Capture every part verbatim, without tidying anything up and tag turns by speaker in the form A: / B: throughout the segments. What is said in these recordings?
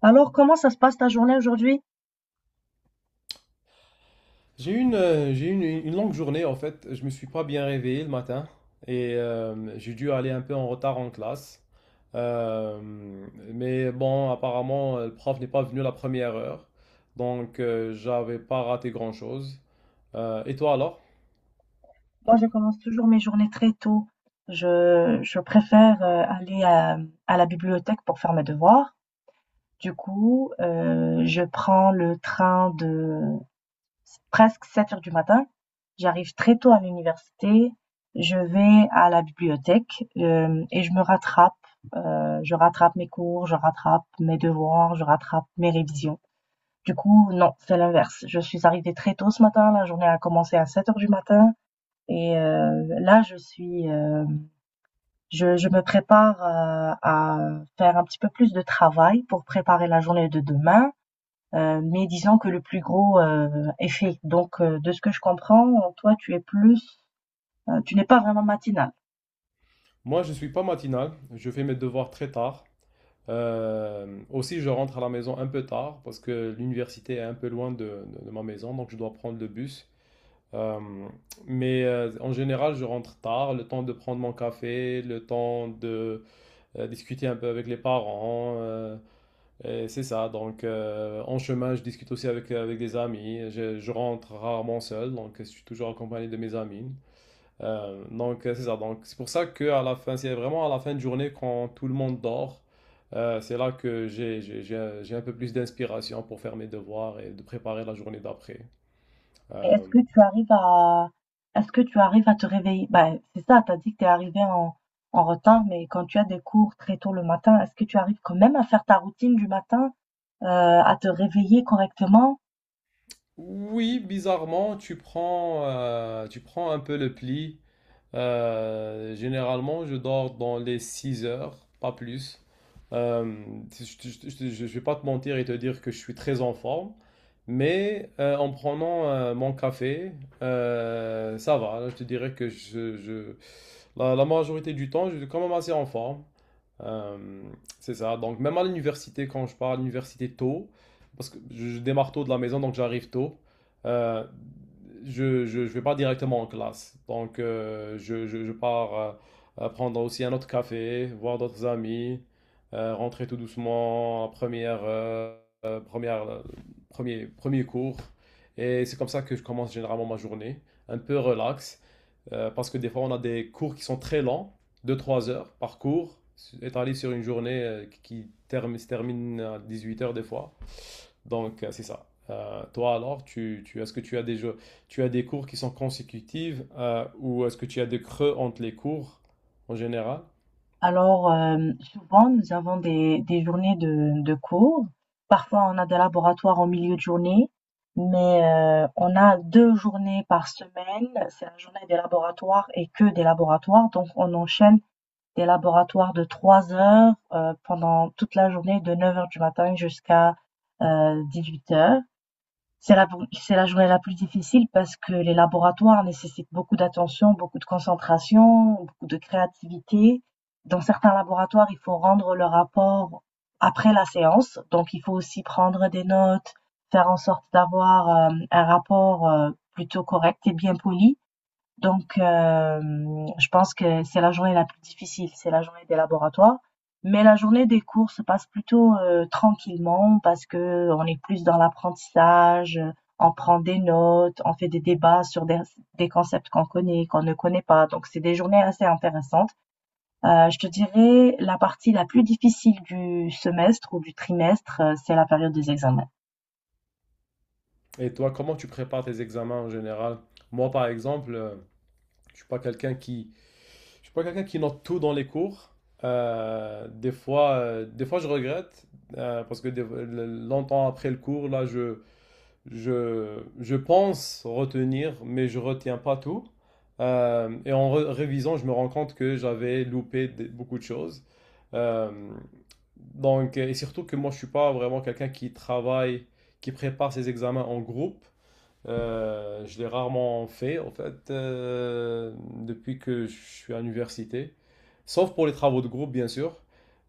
A: Alors, comment ça se passe ta journée aujourd'hui?
B: J'ai eu une, euh, j'ai eu une, une longue journée en fait. Je me suis pas bien réveillé le matin et euh, j'ai dû aller un peu en retard en classe. Euh, mais bon, apparemment, euh, le prof n'est pas venu la première heure, donc euh, j'avais pas raté grand-chose. Euh, et toi alors?
A: Moi, je commence toujours mes journées très tôt. Je, je préfère euh, aller à, à la bibliothèque pour faire mes devoirs. Du coup, euh, je prends le train de presque 7 heures du matin. J'arrive très tôt à l'université. Je vais à la bibliothèque euh, et je me rattrape. Euh, je rattrape mes cours, je rattrape mes devoirs, je rattrape mes révisions. Du coup, non, c'est l'inverse. Je suis arrivée très tôt ce matin. La journée a commencé à 7 heures du matin. Et heu, là, je suis, heu, je je me prépare, heu, à faire un petit peu plus de travail pour préparer la journée de demain, heu, mais disons que le plus gros, heu, est fait. Donc heu, de ce que je comprends, toi, tu es plus, heu, tu n'es pas vraiment matinale.
B: Moi, je suis pas matinal. Je fais mes devoirs très tard. Euh, aussi, je rentre à la maison un peu tard parce que l'université est un peu loin de, de de ma maison, donc je dois prendre le bus. Euh, mais euh, en général, je rentre tard, le temps de prendre mon café, le temps de euh, discuter un peu avec les parents. Euh, et c'est ça. Donc, euh, en chemin, je discute aussi avec, avec des amis. Je, je rentre rarement seul, donc je suis toujours accompagné de mes amis. Euh, donc, euh, c'est ça. Donc, c'est pour ça que à la fin, c'est vraiment à la fin de journée quand tout le monde dort. Euh, c'est là que j'ai j'ai- j'ai un j'ai un peu plus d'inspiration pour faire mes devoirs et de préparer la journée d'après.
A: Mais
B: Euh,
A: est-ce que tu arrives à Est-ce que tu arrives à te réveiller? Ben, c'est ça. T'as dit que t'es arrivé en en retard, mais quand tu as des cours très tôt le matin, est-ce que tu arrives quand même à faire ta routine du matin, heu, à te réveiller correctement?
B: Oui, bizarrement, tu prends, euh, tu prends un peu le pli. Euh, généralement, je dors dans les six heures, pas plus. Euh, je ne vais pas te mentir et te dire que je suis très en forme, mais euh, en prenant euh, mon café, euh, ça va. Je te dirais que je, je- la, la majorité du temps, je suis quand même assez en forme. Euh, c'est ça. Donc, même à l'université, quand je pars à l'université tôt, parce que je démarre tôt de la maison, donc j'arrive tôt, euh, je, je, je vais pas directement en classe. Donc, euh, je, je, je pars euh, euh, prendre aussi un autre café, voir d'autres amis, euh, rentrer tout doucement, en première, euh, euh, première, euh, premier, premier cours. Et c'est comme ça que je commence généralement ma journée, un peu relax. Euh, parce que des fois, on a des cours qui sont très lents, deux trois heures par cours, étalés sur une journée euh, qui termine, se termine à dix-huit heures des fois. Donc, euh, c'est ça. Euh, toi alors, tu, tu, est-ce que tu as des jeux, tu as des cours qui sont consécutifs euh, ou est-ce que tu as des creux entre les cours en général?
A: Alors, euh, souvent, nous avons des, des journées de, de cours. Parfois, on a des laboratoires en milieu de journée, mais euh, on a deux journées par semaine. C'est la journée des laboratoires et que des laboratoires. Donc, on enchaîne des laboratoires de trois heures euh, pendant toute la journée, de neuf heures du matin jusqu'à euh, huit heures. C'est la, c'est la journée la plus difficile parce que les laboratoires nécessitent beaucoup d'attention, beaucoup de concentration, beaucoup de créativité. Dans certains laboratoires, il faut rendre le rapport après la séance, donc il faut aussi prendre des notes, faire en sorte d'avoir euh, un rapport euh, plutôt correct et bien poli. Donc, hem, je pense que c'est la journée la plus difficile, c'est la journée des laboratoires. Mais la journée des cours se passe plutôt, heu, tranquillement parce que on est plus dans l'apprentissage, on prend des notes, on fait des débats sur des des concepts qu'on connaît, qu'on ne connaît pas. Donc c'est des journées assez intéressantes. Heu, je te dirais la partie la plus difficile du semestre ou du trimestre, heu, c'est la période des examens.
B: Et toi, comment tu prépares tes examens en général? Moi, par exemple, je je ne suis pas quelqu'un qui Je suis pas quelqu'un qui note tout dans les cours. Euh, des fois, euh, des fois, je regrette euh, parce que des- le- longtemps après le cours, là, je, je, je pense retenir, mais je retiens pas tout. Euh, et en re- révisant, je me rends compte que j'avais loupé des- beaucoup de choses. Euh, donc, et surtout que moi, je suis pas vraiment quelqu'un qui travaille, qui prépare ses examens en groupe. Euh, je l'ai rarement fait, en fait, euh, depuis que je suis à l'université. Sauf pour les travaux de groupe, bien sûr.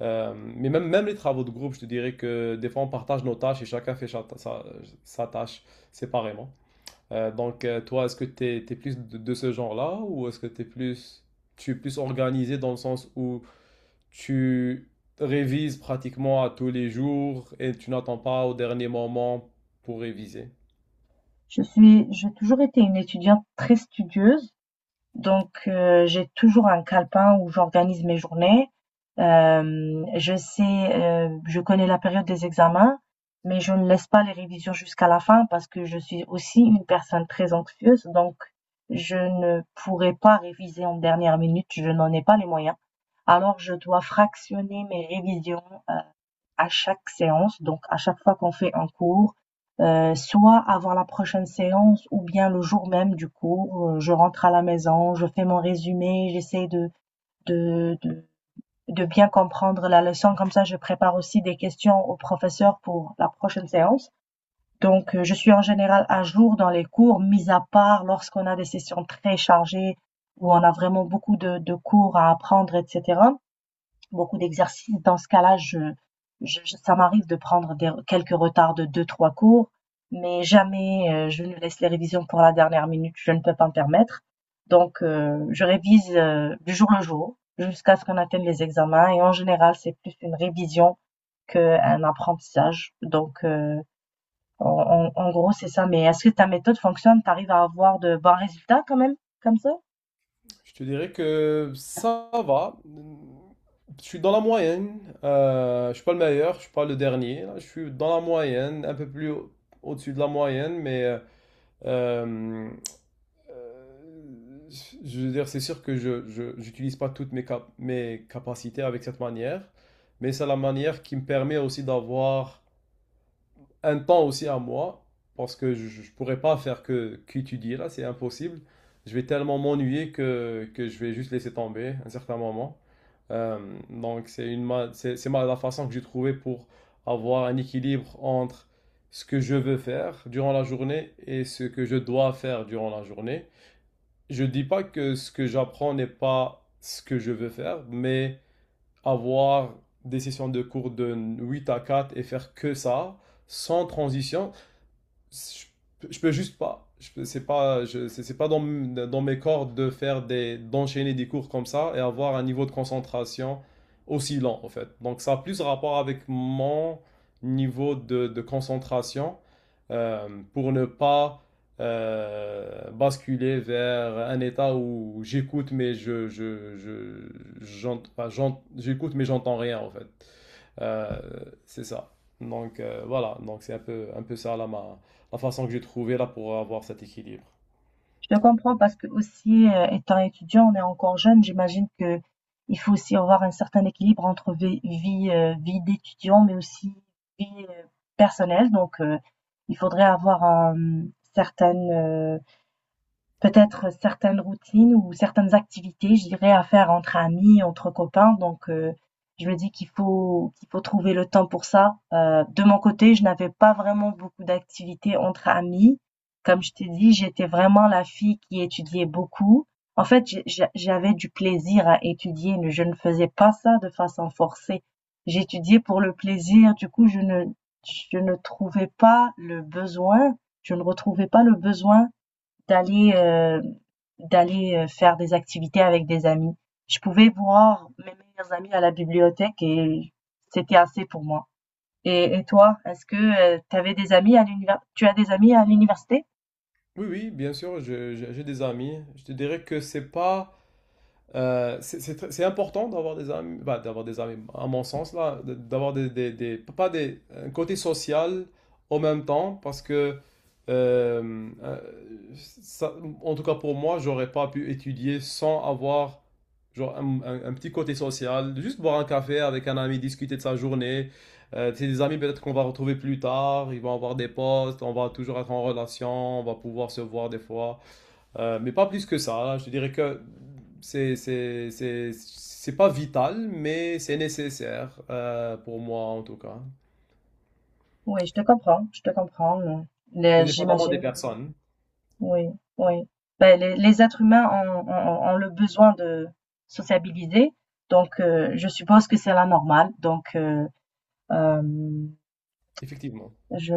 B: Euh, mais même, même les travaux de groupe, je te dirais que des fois, on partage nos tâches et chacun fait cha- sa, sa tâche séparément. Euh, donc, euh, toi, est-ce que tu es, plus de, de ce genre-là ou est-ce que t'es plus, tu es plus organisé dans le sens où tu révises pratiquement à tous les jours et tu n'attends pas au dernier moment pour réviser?
A: Je suis J'ai toujours été une étudiante très studieuse. Donc, heu, j'ai toujours un calepin où j'organise mes journées. Hem, je sais, heu, je connais la période des examens, mais je ne laisse pas les révisions jusqu'à la fin parce que je suis aussi une personne très anxieuse, donc je ne pourrais pas réviser en dernière minute, je n'en ai pas les moyens. Alors je dois fractionner mes révisions, heu à chaque séance, donc à chaque fois qu'on fait un cours, euh, soit avant la prochaine séance ou bien le jour même du cours, euh, je rentre à la maison, je fais mon résumé, j'essaie de, de, de, de bien comprendre la leçon, comme ça je prépare aussi des questions au professeur pour la prochaine séance. Donc euh, je suis en général à jour dans les cours, mis à part lorsqu'on a des sessions très chargées où on a vraiment beaucoup de, de cours à apprendre, etc, beaucoup d'exercices. Dans ce cas-là, je, je- ça m'arrive de prendre des- quelques retards de deux, trois cours, mais jamais euh, je ne laisse les révisions pour la dernière minute. Je ne peux pas me permettre. Donc, euh, je révise euh, du jour le jour jusqu'à ce qu'on atteigne les examens. Et en général, c'est plus une révision qu'un apprentissage. Donc, euh, en, en- en gros, c'est ça. Mais est-ce que ta méthode fonctionne? T'arrives à avoir de bons résultats quand même, comme ça?
B: Je te dirais que ça va. Je suis dans la moyenne. Euh, je suis pas le meilleur, je suis pas le dernier. Là. Je suis dans la moyenne, un peu plus au- au-dessus de la moyenne, mais euh, euh, je veux dire, c'est sûr que je, je- j'utilise pas toutes mes cap- mes capacités avec cette manière, mais c'est la manière qui me permet aussi d'avoir un temps aussi à moi, parce que je ne pourrais pas faire que qu'étudier là, c'est impossible. Je vais tellement m'ennuyer que, que je vais juste laisser tomber à un certain moment. Euh, donc c'est une ma- c'est c'est ma- la façon que j'ai trouvée pour avoir un équilibre entre ce que je veux faire durant la journée et ce que je dois faire durant la journée. Je ne dis pas que ce que j'apprends n'est pas ce que je veux faire, mais avoir des sessions de cours de huit à quatre et faire que ça, sans transition, je, je peux juste pas. Je peux- C'est pas, je- C'est c'est pas dans, m- dans mes cordes de faire des, d'enchaîner des cours comme ça et avoir un niveau de concentration aussi lent en fait. Donc ça a plus rapport avec mon niveau de, de concentration euh, pour ne pas euh, basculer vers un état où j'écoute mais je, je, je, j'ent- enfin, j'ent- j'écoute mais j'entends rien en fait. Euh, c'est ça. Donc euh, voilà, donc c'est un peu, un peu ça là, ma, la façon que j'ai trouvé là pour avoir cet équilibre.
A: Je te comprends parce que aussi, euh, étant étudiant, on est encore jeune. J'imagine que il faut aussi avoir un certain équilibre entre vie, vie, euh, vie d'étudiant, mais aussi vie euh, personnelle. Donc, euh, il faudrait avoir un certain peut-être certaines routines ou certaines activités, je dirais, à faire entre amis, entre copains. Donc, heu, je me dis qu'il faut qu'il faut trouver le temps pour ça. Heu, de mon côté, je n'avais pas vraiment beaucoup d'activités entre amis. Comme je t'ai dit, j'étais vraiment la fille qui étudiait beaucoup. En fait, j'ai j'a j'avais du plaisir à étudier, mais je ne faisais pas ça de façon forcée. J'étudiais pour le plaisir, du coup, je ne je ne trouvais pas le besoin je ne retrouvais pas le besoin d'aller euh, d'aller euh, faire des activités avec des amis. Je pouvais voir mes meilleurs amis à la bibliothèque et c'était assez pour moi. Et, et toi, est-ce que tu avais des amis à l'univers tu as des amis à l'université?
B: Oui, oui, bien sûr, je- je- j'ai des amis. Je te dirais que c'est pas Euh, c'est- c'est c'est important d'avoir des amis, bah, d'avoir des amis, à mon sens, là, de- d'avoir des, des, des- pas des, un côté social en même temps, parce que, euh, euh, ça- en tout cas pour moi, j'aurais pas pu étudier sans avoir genre, un, un- un petit côté social, juste boire un café avec un ami, discuter de sa journée. Euh, c'est des amis peut-être qu'on va retrouver plus tard, ils vont avoir des postes, on va toujours être en relation, on va pouvoir se voir des fois. Euh, mais pas plus que ça. Je dirais que c'est c'est- c'est- c'est pas vital, mais c'est nécessaire euh, pour moi en tout cas.
A: Oui, je te comprends, je te comprends. euh,
B: Mais
A: le-
B: dépendamment des
A: J'imagine.
B: personnes,
A: Oui, oui. Ben, les, les êtres humains ont, ont- ont le besoin de sociabiliser, donc euh, je suppose que c'est la normale. Donc euh, euh,
B: effectivement.
A: je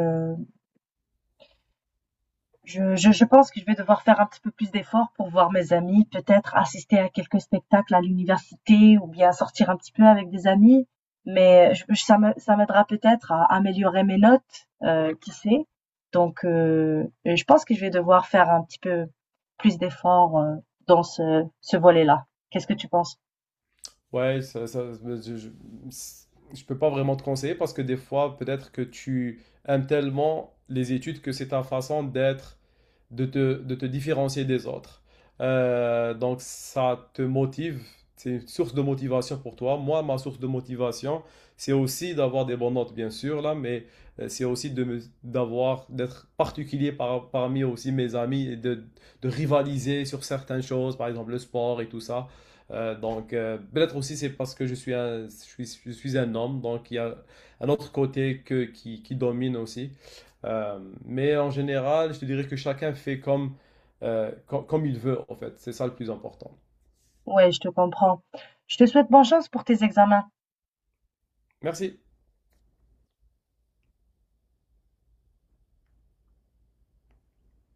A: Je, je, je pense que je vais devoir faire un petit peu plus d'efforts pour voir mes amis, peut-être assister à quelques spectacles à l'université ou bien sortir un petit peu avec des amis. Mais je, ça me- ça m'aidera peut-être à améliorer mes notes, euh, qui sait. Donc, euh, je pense que je vais devoir faire un petit peu plus d'efforts, euh, dans ce, ce volet-là. Qu'est-ce que tu penses?
B: Ouais, ça, ça- je, je, je peux pas vraiment te conseiller parce que des fois, peut-être que tu aimes tellement les études que c'est ta façon d'être de te, de te différencier des autres. Euh, donc ça te motive, c'est une source de motivation pour toi. Moi, ma source de motivation, c'est aussi d'avoir des bonnes notes, bien sûr, là, mais euh, c'est aussi de d'avoir, d'être particulier par- parmi aussi mes amis et de, de rivaliser sur certaines choses, par exemple le sport et tout ça. Euh, donc, euh, peut-être aussi c'est parce que je suis un, je suis, je suis un homme, donc il y a un autre côté que, qui, qui domine aussi. Euh, mais en général, je te dirais que chacun fait comme, euh, com- comme il veut, en fait. C'est ça le plus important.
A: Ouais, je te comprends. Je te souhaite bonne chance pour tes examens.
B: Merci.